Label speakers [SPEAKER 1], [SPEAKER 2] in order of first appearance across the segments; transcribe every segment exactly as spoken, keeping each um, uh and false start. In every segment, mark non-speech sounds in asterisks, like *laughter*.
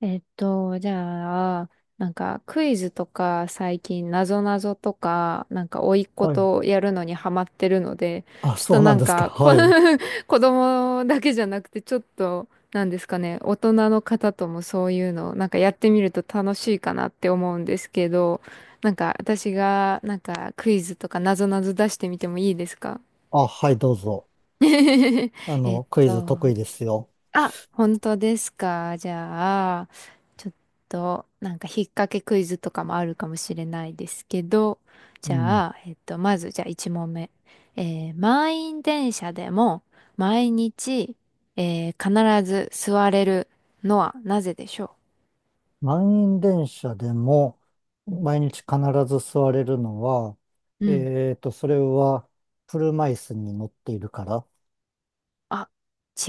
[SPEAKER 1] えっと、じゃあ、なんかクイズとか最近なぞなぞとか、なんか甥っ子
[SPEAKER 2] はい。
[SPEAKER 1] とやるのにハマってるので、
[SPEAKER 2] あ、
[SPEAKER 1] ちょっ
[SPEAKER 2] そ
[SPEAKER 1] と
[SPEAKER 2] うな
[SPEAKER 1] な
[SPEAKER 2] ん
[SPEAKER 1] ん
[SPEAKER 2] ですか。
[SPEAKER 1] か、こ
[SPEAKER 2] はい。
[SPEAKER 1] *laughs* 子供だけじゃなくて、ちょっと、なんですかね、大人の方ともそういうの、なんかやってみると楽しいかなって思うんですけど、なんか私がなんかクイズとかなぞなぞ出してみてもいいですか？
[SPEAKER 2] あ、はい、どうぞ。
[SPEAKER 1] *laughs*
[SPEAKER 2] あ
[SPEAKER 1] えっ
[SPEAKER 2] の、クイズ
[SPEAKER 1] と、
[SPEAKER 2] 得意ですよ。
[SPEAKER 1] あ、本当ですか。じゃあ、ちょっと、なんか、引っ掛けクイズとかもあるかもしれないですけど、
[SPEAKER 2] う
[SPEAKER 1] じ
[SPEAKER 2] ん。
[SPEAKER 1] ゃあ、えっと、まず、じゃあ、いち問目。えー満員電車でも、毎日、えー必ず座れるのはなぜでしょ
[SPEAKER 2] 満員電車でも、
[SPEAKER 1] うん。
[SPEAKER 2] 毎日必ず座れるのは、
[SPEAKER 1] うん。うん。
[SPEAKER 2] えーと、それは、車椅子に乗っているから。
[SPEAKER 1] あ、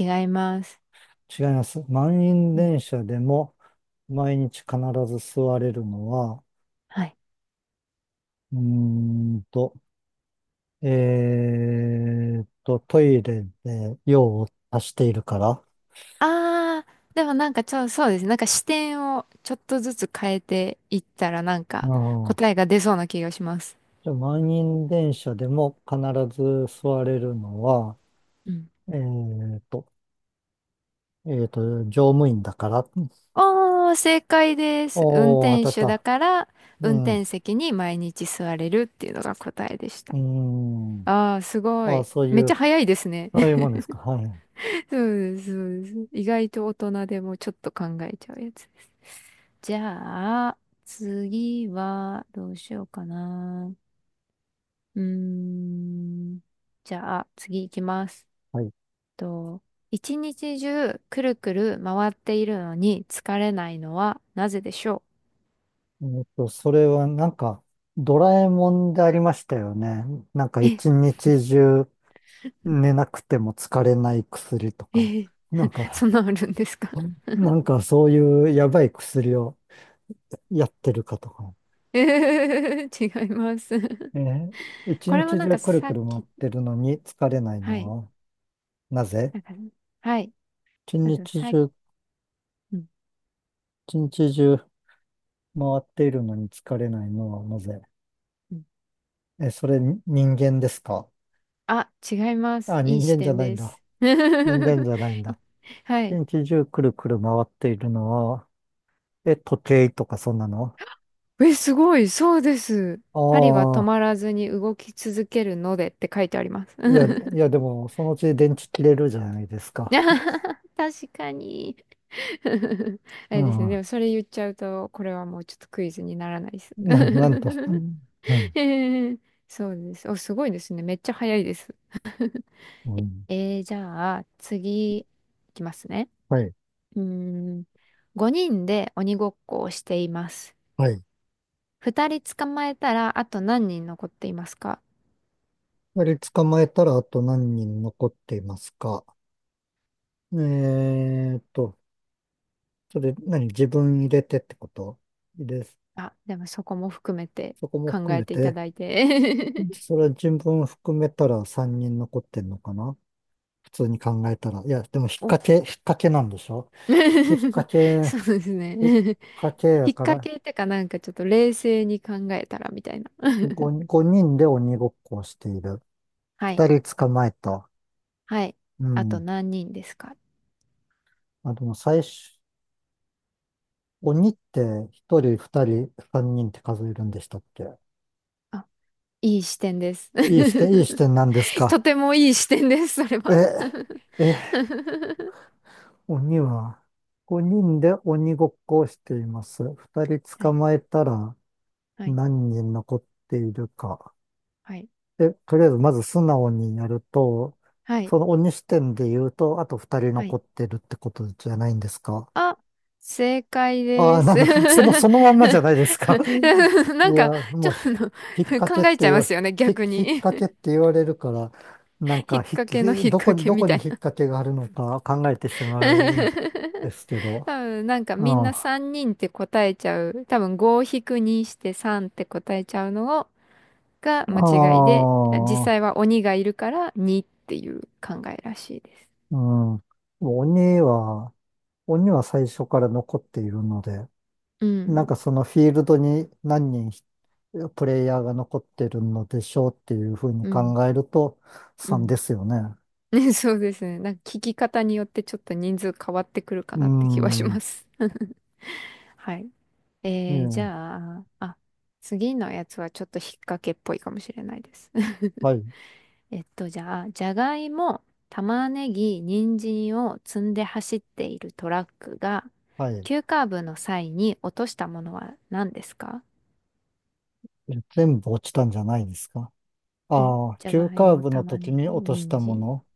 [SPEAKER 1] 違います。
[SPEAKER 2] 違います。満員
[SPEAKER 1] うん。
[SPEAKER 2] 電車でも、毎日必ず座れるのは、
[SPEAKER 1] はい。
[SPEAKER 2] うーんと、えーと、トイレで用を足しているから。
[SPEAKER 1] あー、でもなんかちょ、そうですね。なんか視点をちょっとずつ変えていったらなん
[SPEAKER 2] う
[SPEAKER 1] か
[SPEAKER 2] ん。
[SPEAKER 1] 答えが出そうな気がします。
[SPEAKER 2] じゃあ、満員電車でも必ず座れるのは、えーと、えーと、乗務員だから。
[SPEAKER 1] ああ、正解です。運
[SPEAKER 2] おー、当
[SPEAKER 1] 転手
[SPEAKER 2] たっ
[SPEAKER 1] だ
[SPEAKER 2] た。
[SPEAKER 1] から、
[SPEAKER 2] う
[SPEAKER 1] 運
[SPEAKER 2] ん。う
[SPEAKER 1] 転席に毎日座れるっていうのが答えでした。
[SPEAKER 2] ーん。
[SPEAKER 1] ああ、すご
[SPEAKER 2] あ、
[SPEAKER 1] い。
[SPEAKER 2] そう
[SPEAKER 1] めっ
[SPEAKER 2] い
[SPEAKER 1] ちゃ
[SPEAKER 2] う、
[SPEAKER 1] 早いですね。
[SPEAKER 2] そ
[SPEAKER 1] *laughs*
[SPEAKER 2] ういうもんですか。はい。
[SPEAKER 1] そうです、そうです。意外と大人でもちょっと考えちゃうやつ。じゃあ、次は、どうしようかな。うーん。じゃあ、次行きます。
[SPEAKER 2] はい。
[SPEAKER 1] と、一日中、くるくる回っているのに疲れないのはなぜでしょ
[SPEAKER 2] えーと、それはなんか、ドラえもんでありましたよね。なんか
[SPEAKER 1] う？え、
[SPEAKER 2] 一日中寝なくても疲れない薬とか。
[SPEAKER 1] え、
[SPEAKER 2] なん
[SPEAKER 1] そん
[SPEAKER 2] か、
[SPEAKER 1] なあるんですか？
[SPEAKER 2] なんかそういうやばい薬をやってるかとか。
[SPEAKER 1] *laughs* えー、違います。*laughs*
[SPEAKER 2] えー一
[SPEAKER 1] これも
[SPEAKER 2] 日
[SPEAKER 1] なん
[SPEAKER 2] 中
[SPEAKER 1] か
[SPEAKER 2] くる
[SPEAKER 1] さ
[SPEAKER 2] く
[SPEAKER 1] っ
[SPEAKER 2] る回っ
[SPEAKER 1] き、
[SPEAKER 2] てるのに疲れない
[SPEAKER 1] はい、
[SPEAKER 2] のはなぜ？
[SPEAKER 1] なんか、はい、
[SPEAKER 2] 一
[SPEAKER 1] あと
[SPEAKER 2] 日
[SPEAKER 1] さっき、
[SPEAKER 2] 中、
[SPEAKER 1] うん。
[SPEAKER 2] 一日中回っているのに疲れないのはなぜ？
[SPEAKER 1] うん。
[SPEAKER 2] え、それに人間ですか？
[SPEAKER 1] あ、違います。
[SPEAKER 2] あ、
[SPEAKER 1] い
[SPEAKER 2] 人
[SPEAKER 1] い視
[SPEAKER 2] 間じゃ
[SPEAKER 1] 点
[SPEAKER 2] ないん
[SPEAKER 1] で
[SPEAKER 2] だ。
[SPEAKER 1] す。
[SPEAKER 2] 人
[SPEAKER 1] *laughs*
[SPEAKER 2] 間じゃないん
[SPEAKER 1] い、
[SPEAKER 2] だ。
[SPEAKER 1] は
[SPEAKER 2] 一
[SPEAKER 1] い。
[SPEAKER 2] 日中くるくる回っているのは、え、時計とかそんなの？
[SPEAKER 1] え、すごい、そうです。針は止
[SPEAKER 2] ああ。
[SPEAKER 1] まらずに動き続けるのでって書いてあります。
[SPEAKER 2] いや、い
[SPEAKER 1] *laughs*
[SPEAKER 2] やでもそのうち電池切れるじゃないですか。
[SPEAKER 1] 確かに。*laughs* あ
[SPEAKER 2] う
[SPEAKER 1] れですね。で
[SPEAKER 2] ん。
[SPEAKER 1] もそれ言っちゃうと、これはもうちょっとクイズにならないです。*laughs*
[SPEAKER 2] な、なんと。うん。
[SPEAKER 1] へえ *laughs* そうです。お、すごいですね。めっちゃ早いです。
[SPEAKER 2] うん。
[SPEAKER 1] えー、じゃあ、次、いきますね。
[SPEAKER 2] はい。
[SPEAKER 1] うーん。ごにんで鬼ごっこをしています。
[SPEAKER 2] はい。
[SPEAKER 1] ふたり捕まえたら、あと何人残っていますか？
[SPEAKER 2] 二人捕まえたらあと何人残っていますか？えーっと、それ何自分入れてってことです。
[SPEAKER 1] あ、でもそこも含めて
[SPEAKER 2] そこも
[SPEAKER 1] 考
[SPEAKER 2] 含
[SPEAKER 1] え
[SPEAKER 2] め
[SPEAKER 1] ていた
[SPEAKER 2] て、
[SPEAKER 1] だいて。
[SPEAKER 2] それは自分含めたらさんにん残ってんのかな？普通に考えたら。いや、でも引っ
[SPEAKER 1] *laughs* お。
[SPEAKER 2] 掛け、引っ掛けなんでしょ？引っ掛
[SPEAKER 1] *laughs*
[SPEAKER 2] け、
[SPEAKER 1] そうですね。
[SPEAKER 2] 引っ
[SPEAKER 1] *laughs*
[SPEAKER 2] 掛けや
[SPEAKER 1] 引っ
[SPEAKER 2] か
[SPEAKER 1] 掛
[SPEAKER 2] ら
[SPEAKER 1] けってかなんかちょっと冷静に考えたらみたいな。
[SPEAKER 2] 5、5人で鬼ごっこをしている。
[SPEAKER 1] *laughs* はい。
[SPEAKER 2] ふたり捕まえた。
[SPEAKER 1] はい。
[SPEAKER 2] う
[SPEAKER 1] あと
[SPEAKER 2] ん。
[SPEAKER 1] 何人ですか？
[SPEAKER 2] あ、でも最初、鬼ってひとり、ふたり、さんにんって数えるんでしたっけ？
[SPEAKER 1] あ、いい視点です。
[SPEAKER 2] いい視点、いい視点なんです
[SPEAKER 1] *laughs* と
[SPEAKER 2] か。
[SPEAKER 1] てもいい視点です、それ
[SPEAKER 2] え、
[SPEAKER 1] は。
[SPEAKER 2] え、
[SPEAKER 1] *laughs*
[SPEAKER 2] 鬼は、ごにんで鬼ごっこをしています。ふたり
[SPEAKER 1] は
[SPEAKER 2] 捕
[SPEAKER 1] い、
[SPEAKER 2] まえたら
[SPEAKER 1] はい、
[SPEAKER 2] 何人残っているか。
[SPEAKER 1] はい、
[SPEAKER 2] で、とりあえずまず素直にやると、
[SPEAKER 1] はい、
[SPEAKER 2] その鬼視点で言うと、あとふたり
[SPEAKER 1] は
[SPEAKER 2] 残
[SPEAKER 1] い。
[SPEAKER 2] ってるってことじゃないんですか？
[SPEAKER 1] あ、正解
[SPEAKER 2] あ
[SPEAKER 1] で
[SPEAKER 2] あ、な
[SPEAKER 1] す。
[SPEAKER 2] んだ、その、そ
[SPEAKER 1] *laughs*
[SPEAKER 2] のまんまじゃないですか。*laughs* い
[SPEAKER 1] なんか、
[SPEAKER 2] や、
[SPEAKER 1] ち
[SPEAKER 2] もう
[SPEAKER 1] ょっ
[SPEAKER 2] ひ、
[SPEAKER 1] と
[SPEAKER 2] 引っ掛けっ
[SPEAKER 1] 考えち
[SPEAKER 2] て
[SPEAKER 1] ゃいま
[SPEAKER 2] よ、
[SPEAKER 1] すよね、
[SPEAKER 2] ひ、
[SPEAKER 1] 逆
[SPEAKER 2] 引っ
[SPEAKER 1] に。
[SPEAKER 2] 掛けって言われるから、なん
[SPEAKER 1] *laughs* 引
[SPEAKER 2] か
[SPEAKER 1] っ
[SPEAKER 2] ひ、
[SPEAKER 1] 掛けの引っ
[SPEAKER 2] どこ
[SPEAKER 1] 掛
[SPEAKER 2] に、
[SPEAKER 1] け
[SPEAKER 2] ど
[SPEAKER 1] み
[SPEAKER 2] こに
[SPEAKER 1] た
[SPEAKER 2] 引
[SPEAKER 1] い
[SPEAKER 2] っ
[SPEAKER 1] な
[SPEAKER 2] 掛けがあるのか考えてしまうんで
[SPEAKER 1] *laughs*
[SPEAKER 2] すけど。
[SPEAKER 1] 多分、なんか
[SPEAKER 2] うん。
[SPEAKER 1] みんな
[SPEAKER 2] あ
[SPEAKER 1] さんにんって答えちゃう。多分ご引くにしてさんって答えちゃうのを、が間違いで、実
[SPEAKER 2] あ、
[SPEAKER 1] 際は鬼がいるからにっていう考えらしいです。
[SPEAKER 2] うん。鬼は、鬼は最初から残っているので、
[SPEAKER 1] う
[SPEAKER 2] なん
[SPEAKER 1] ん。
[SPEAKER 2] かそのフィールドに何人プレイヤーが残ってるのでしょうっていうふうに
[SPEAKER 1] うん。
[SPEAKER 2] 考えると
[SPEAKER 1] う
[SPEAKER 2] さんで
[SPEAKER 1] ん。
[SPEAKER 2] すよね。
[SPEAKER 1] *laughs* ね、そうですね。なんか聞き方によってちょっと人数変わってくるか
[SPEAKER 2] う
[SPEAKER 1] なって気はし
[SPEAKER 2] ん。
[SPEAKER 1] ま
[SPEAKER 2] う
[SPEAKER 1] す。*laughs* はい。えー、じ
[SPEAKER 2] ん。
[SPEAKER 1] ゃあ、あ、次のやつはちょっと引っ掛けっぽいかもしれないです。
[SPEAKER 2] はい。
[SPEAKER 1] *laughs* えっと、じゃあ、じゃがいも、玉ねぎ、人参を積んで走っているトラックが、
[SPEAKER 2] はい。
[SPEAKER 1] 急カーブの際に落としたものは何ですか？
[SPEAKER 2] え全部落ちたんじゃないですか？
[SPEAKER 1] お、
[SPEAKER 2] ああ、
[SPEAKER 1] じゃ
[SPEAKER 2] 急
[SPEAKER 1] がい
[SPEAKER 2] カー
[SPEAKER 1] も、
[SPEAKER 2] ブの
[SPEAKER 1] 玉
[SPEAKER 2] 時
[SPEAKER 1] ね
[SPEAKER 2] に
[SPEAKER 1] ぎ、
[SPEAKER 2] 落とし
[SPEAKER 1] 人
[SPEAKER 2] たも
[SPEAKER 1] 参。
[SPEAKER 2] の、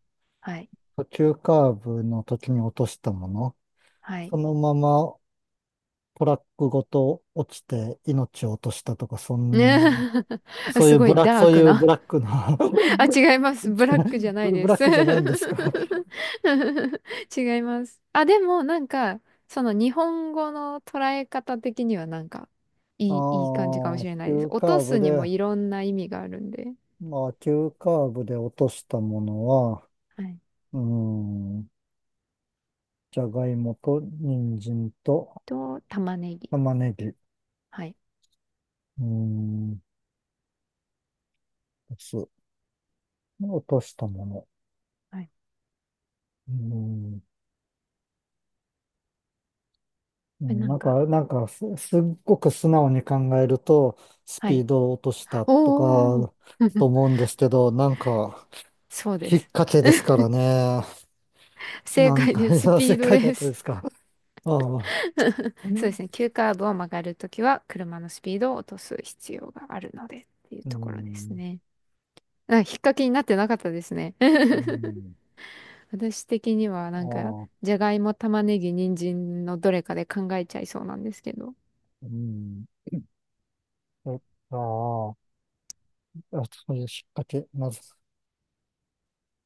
[SPEAKER 1] はい。
[SPEAKER 2] 急カーブの時に落としたもの、
[SPEAKER 1] はい。
[SPEAKER 2] そのままトラックごと落ちて命を落としたとか、そんな、
[SPEAKER 1] ね *laughs*
[SPEAKER 2] そうい
[SPEAKER 1] す
[SPEAKER 2] う
[SPEAKER 1] ご
[SPEAKER 2] ブ
[SPEAKER 1] い
[SPEAKER 2] ラック、
[SPEAKER 1] ダー
[SPEAKER 2] そうい
[SPEAKER 1] ク
[SPEAKER 2] うブ
[SPEAKER 1] な、
[SPEAKER 2] ラックな
[SPEAKER 1] あ、違いま
[SPEAKER 2] *laughs* 違
[SPEAKER 1] す。
[SPEAKER 2] う
[SPEAKER 1] ブラックじゃな
[SPEAKER 2] ブ
[SPEAKER 1] い
[SPEAKER 2] ラ *laughs* ブ
[SPEAKER 1] で
[SPEAKER 2] ラッ
[SPEAKER 1] す。
[SPEAKER 2] クじゃないんですか？
[SPEAKER 1] *laughs* 違います。あ、でもなんか、その日本語の捉え方的にはなんか、
[SPEAKER 2] あ
[SPEAKER 1] いい、いい感じかもし
[SPEAKER 2] あ、
[SPEAKER 1] れないです。
[SPEAKER 2] 急
[SPEAKER 1] 落
[SPEAKER 2] カ
[SPEAKER 1] と
[SPEAKER 2] ーブ
[SPEAKER 1] すにも
[SPEAKER 2] で、
[SPEAKER 1] いろんな意味があるんで。
[SPEAKER 2] まあ、急カーブで落としたものは、
[SPEAKER 1] はい。
[SPEAKER 2] うーん、じゃがいもと人参と
[SPEAKER 1] と、玉ねぎ。
[SPEAKER 2] 玉ねぎ、う
[SPEAKER 1] はい。
[SPEAKER 2] ーん、す。落としたもの。
[SPEAKER 1] はい。
[SPEAKER 2] うん。う
[SPEAKER 1] え、
[SPEAKER 2] ん。
[SPEAKER 1] な
[SPEAKER 2] な
[SPEAKER 1] ん
[SPEAKER 2] ん
[SPEAKER 1] か、
[SPEAKER 2] か、なんかす、すっごく素直に考えると、ス
[SPEAKER 1] は
[SPEAKER 2] ピー
[SPEAKER 1] い。
[SPEAKER 2] ドを落としたと
[SPEAKER 1] おー
[SPEAKER 2] か、と
[SPEAKER 1] *laughs*
[SPEAKER 2] 思うんですけど、なんか、
[SPEAKER 1] そうで
[SPEAKER 2] 引っ
[SPEAKER 1] す。
[SPEAKER 2] 掛けですからね。
[SPEAKER 1] 正
[SPEAKER 2] なん
[SPEAKER 1] 解
[SPEAKER 2] か、
[SPEAKER 1] で
[SPEAKER 2] *laughs* い
[SPEAKER 1] す。ス
[SPEAKER 2] や、
[SPEAKER 1] ピ
[SPEAKER 2] 世
[SPEAKER 1] ード
[SPEAKER 2] 界だっ
[SPEAKER 1] で
[SPEAKER 2] たで
[SPEAKER 1] す。
[SPEAKER 2] すか。ああ。
[SPEAKER 1] *laughs*
[SPEAKER 2] う
[SPEAKER 1] そうで
[SPEAKER 2] ん
[SPEAKER 1] すね。急カーブを曲がるときは、車のスピードを落とす必要があるので、っていう
[SPEAKER 2] う
[SPEAKER 1] ところです
[SPEAKER 2] ん。
[SPEAKER 1] ね。あ、引っ掛けになってなかったですね。
[SPEAKER 2] う
[SPEAKER 1] *laughs*
[SPEAKER 2] ん。
[SPEAKER 1] 私的には
[SPEAKER 2] あ
[SPEAKER 1] なんか、
[SPEAKER 2] あ。
[SPEAKER 1] じゃがいも、玉ねぎ、人参のどれかで考えちゃいそうなんですけど。
[SPEAKER 2] うん。えああ。あそういう引っ掛け、なぞ。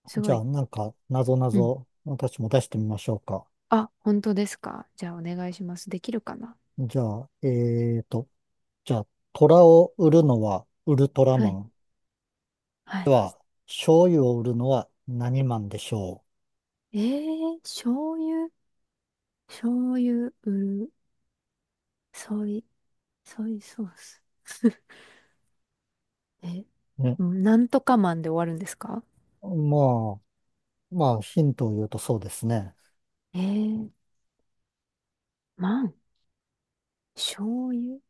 [SPEAKER 1] す
[SPEAKER 2] じ
[SPEAKER 1] ご
[SPEAKER 2] ゃあ、
[SPEAKER 1] い。
[SPEAKER 2] なんか、なぞな
[SPEAKER 1] うん。
[SPEAKER 2] ぞ、私も出してみましょうか。
[SPEAKER 1] あ、本当ですか。じゃあお願いします。できるかな。
[SPEAKER 2] じゃあ、えーと、じゃあ、虎を売るのはウルトラ
[SPEAKER 1] は
[SPEAKER 2] マ
[SPEAKER 1] い。
[SPEAKER 2] ン。
[SPEAKER 1] は
[SPEAKER 2] で
[SPEAKER 1] い。
[SPEAKER 2] は、醤油を売るのは何マンでしょ
[SPEAKER 1] えー、醤油、醤油、うる、ソイ、ソイソース。*laughs* え、
[SPEAKER 2] う？ね。
[SPEAKER 1] うん、なんとかマンで終わるんですか？
[SPEAKER 2] まあ、まあ、ヒントを言うとそうですね。
[SPEAKER 1] えー、マン、醤油、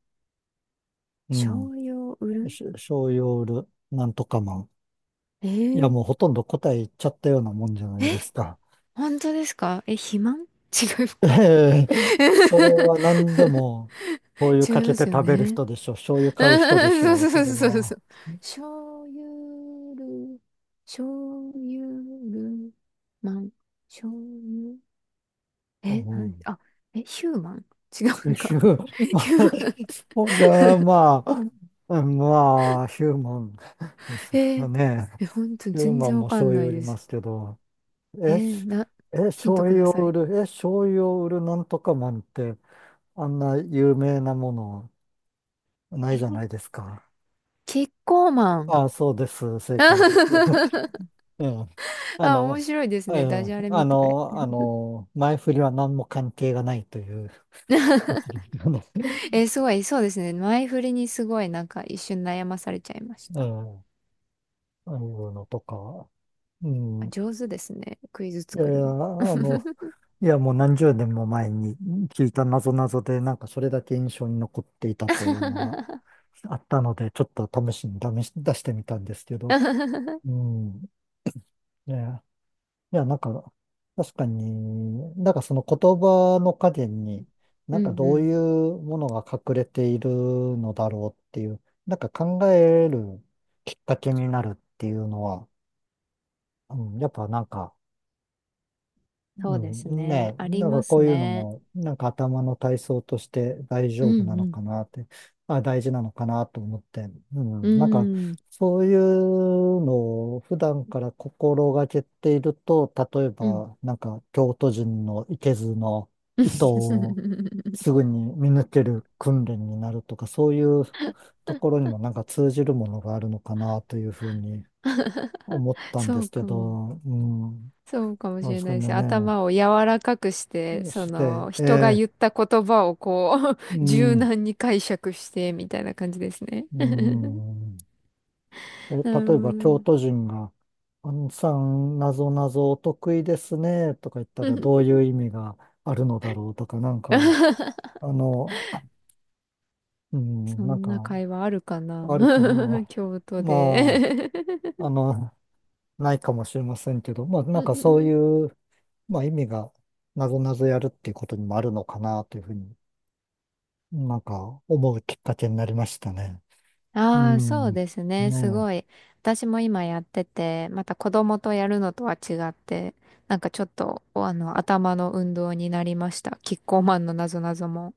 [SPEAKER 2] うん。
[SPEAKER 1] 醤油を売る、
[SPEAKER 2] し醤油を売るなんとかマン。
[SPEAKER 1] え
[SPEAKER 2] いや、
[SPEAKER 1] ー、
[SPEAKER 2] もうほとんど答え言っちゃったようなもんじゃな
[SPEAKER 1] え
[SPEAKER 2] いで
[SPEAKER 1] ー
[SPEAKER 2] すか。
[SPEAKER 1] 本当ですか？え、肥満？ *laughs* 違う
[SPEAKER 2] え
[SPEAKER 1] か *laughs*
[SPEAKER 2] え、それは何でも、醤油
[SPEAKER 1] 違
[SPEAKER 2] か
[SPEAKER 1] い
[SPEAKER 2] け
[SPEAKER 1] ま
[SPEAKER 2] て
[SPEAKER 1] すよ
[SPEAKER 2] 食べる
[SPEAKER 1] ね。
[SPEAKER 2] 人でしょう。醤油
[SPEAKER 1] *laughs*
[SPEAKER 2] 買う人でし
[SPEAKER 1] そう
[SPEAKER 2] ょう。
[SPEAKER 1] そうそ
[SPEAKER 2] それ
[SPEAKER 1] うそうそ
[SPEAKER 2] は。
[SPEAKER 1] う。醤油る、醤油る、マン、醤油。
[SPEAKER 2] う
[SPEAKER 1] え、なん、
[SPEAKER 2] ん。
[SPEAKER 1] あ、え、ヒューマン、違うの
[SPEAKER 2] 週、
[SPEAKER 1] か。
[SPEAKER 2] *laughs*
[SPEAKER 1] *laughs*
[SPEAKER 2] ま
[SPEAKER 1] ヒ
[SPEAKER 2] あ、
[SPEAKER 1] ューマン。
[SPEAKER 2] そうじゃあ、まあ、うんまあ、ヒューマンです
[SPEAKER 1] え
[SPEAKER 2] か
[SPEAKER 1] ー、
[SPEAKER 2] ね。
[SPEAKER 1] え、ほんと
[SPEAKER 2] ヒュー
[SPEAKER 1] 全
[SPEAKER 2] マ
[SPEAKER 1] 然
[SPEAKER 2] ン
[SPEAKER 1] わ
[SPEAKER 2] も
[SPEAKER 1] か
[SPEAKER 2] 醤
[SPEAKER 1] んな
[SPEAKER 2] 油
[SPEAKER 1] い
[SPEAKER 2] 売り
[SPEAKER 1] で
[SPEAKER 2] ま
[SPEAKER 1] す。
[SPEAKER 2] すけど、
[SPEAKER 1] え
[SPEAKER 2] え、し
[SPEAKER 1] ーな、
[SPEAKER 2] え、
[SPEAKER 1] ヒント
[SPEAKER 2] 醤
[SPEAKER 1] くだ
[SPEAKER 2] 油
[SPEAKER 1] さ
[SPEAKER 2] を売
[SPEAKER 1] い。
[SPEAKER 2] る、え、醤油を売るなんとかマンって、あんな有名なものないじゃないですか。
[SPEAKER 1] キッコーマン。
[SPEAKER 2] あ、そうです。正解です。*laughs*
[SPEAKER 1] *laughs*
[SPEAKER 2] ええ、あ
[SPEAKER 1] あ、面
[SPEAKER 2] の、
[SPEAKER 1] 白いです
[SPEAKER 2] え
[SPEAKER 1] ね。ダジ
[SPEAKER 2] え、
[SPEAKER 1] ャレ
[SPEAKER 2] あ
[SPEAKER 1] みたい。
[SPEAKER 2] の、あ
[SPEAKER 1] *laughs*
[SPEAKER 2] の、前振りは何も関係がないというやつですよね。*laughs*
[SPEAKER 1] えーすごい、そうですね。前振りにすごいなんか一瞬悩まされちゃいまし
[SPEAKER 2] え
[SPEAKER 1] た。
[SPEAKER 2] え、ああいうのとか。う
[SPEAKER 1] あ、
[SPEAKER 2] ん。
[SPEAKER 1] 上手ですね。クイズ
[SPEAKER 2] いやい
[SPEAKER 1] 作
[SPEAKER 2] や、
[SPEAKER 1] るの。
[SPEAKER 2] あの、
[SPEAKER 1] *laughs*
[SPEAKER 2] いや、もう何十年も前に聞いた謎々で、なんかそれだけ印象に残っていたというのがあったので、ちょっと試しに試し出してみたんですけど、うん。いや、いや、なんか、確かに、なんかその言葉の陰に、
[SPEAKER 1] う
[SPEAKER 2] なんか
[SPEAKER 1] ん。う
[SPEAKER 2] どう
[SPEAKER 1] ん。
[SPEAKER 2] いうものが隠れているのだろうっていう、なんか考えるきっかけになるっていうのは、うん、やっぱなんか、
[SPEAKER 1] そ
[SPEAKER 2] う
[SPEAKER 1] うです
[SPEAKER 2] ん、
[SPEAKER 1] ね。
[SPEAKER 2] ねえ、
[SPEAKER 1] あり
[SPEAKER 2] なんから
[SPEAKER 1] ま
[SPEAKER 2] こ
[SPEAKER 1] す
[SPEAKER 2] ういうの
[SPEAKER 1] ね。
[SPEAKER 2] も、なんか頭の体操として大
[SPEAKER 1] う
[SPEAKER 2] 丈夫なの
[SPEAKER 1] ん。
[SPEAKER 2] かなって、あ、大事なのかなと思って、うん、
[SPEAKER 1] うん。
[SPEAKER 2] なんか
[SPEAKER 1] うん。
[SPEAKER 2] そういうのを普段から心がけていると、例え
[SPEAKER 1] うん。
[SPEAKER 2] ば、なんか京都人のいけずの糸をすぐに見抜ける訓練になるとか、そういうところに
[SPEAKER 1] *laughs*
[SPEAKER 2] もなんか通じるものがあるのかなというふうに思ったんで
[SPEAKER 1] そう
[SPEAKER 2] すけ
[SPEAKER 1] かも。
[SPEAKER 2] ど、うん、
[SPEAKER 1] そうかもし
[SPEAKER 2] なんで
[SPEAKER 1] れ
[SPEAKER 2] すけ
[SPEAKER 1] ないで
[SPEAKER 2] ど
[SPEAKER 1] す。
[SPEAKER 2] ね。
[SPEAKER 1] 頭を柔らかくして、そ
[SPEAKER 2] して、
[SPEAKER 1] の、人が
[SPEAKER 2] え
[SPEAKER 1] 言った言葉をこう、
[SPEAKER 2] ー、
[SPEAKER 1] *laughs*
[SPEAKER 2] う
[SPEAKER 1] 柔
[SPEAKER 2] ん、
[SPEAKER 1] 軟に解釈して、みたいな感じですね。
[SPEAKER 2] うん。え、
[SPEAKER 1] な
[SPEAKER 2] 例えば、京
[SPEAKER 1] る
[SPEAKER 2] 都人が、あんさん、なぞなぞお得意ですね、とか言った
[SPEAKER 1] ほ
[SPEAKER 2] ら、
[SPEAKER 1] ど。
[SPEAKER 2] どうい
[SPEAKER 1] *laughs*
[SPEAKER 2] う意味があるのだろうとか、なんか、あの、う
[SPEAKER 1] そ
[SPEAKER 2] ん、なん
[SPEAKER 1] んな
[SPEAKER 2] か、
[SPEAKER 1] 会話あるかな？
[SPEAKER 2] あるかな。
[SPEAKER 1] *laughs* 京都
[SPEAKER 2] ま
[SPEAKER 1] で
[SPEAKER 2] あ、あの、ないかもしれませんけど、まあ、なんかそう
[SPEAKER 1] *laughs*
[SPEAKER 2] いう、まあ、意味が、なぞなぞやるっていうことにもあるのかな、というふうに、なんか、思うきっかけになりましたね。う
[SPEAKER 1] ああ、そう
[SPEAKER 2] ん、ね
[SPEAKER 1] ですね。すご
[SPEAKER 2] え。
[SPEAKER 1] い。私も今やってて、また子供とやるのとは違って、なんかちょっと、お、あの、頭の運動になりました。キッコーマンのなぞなぞも。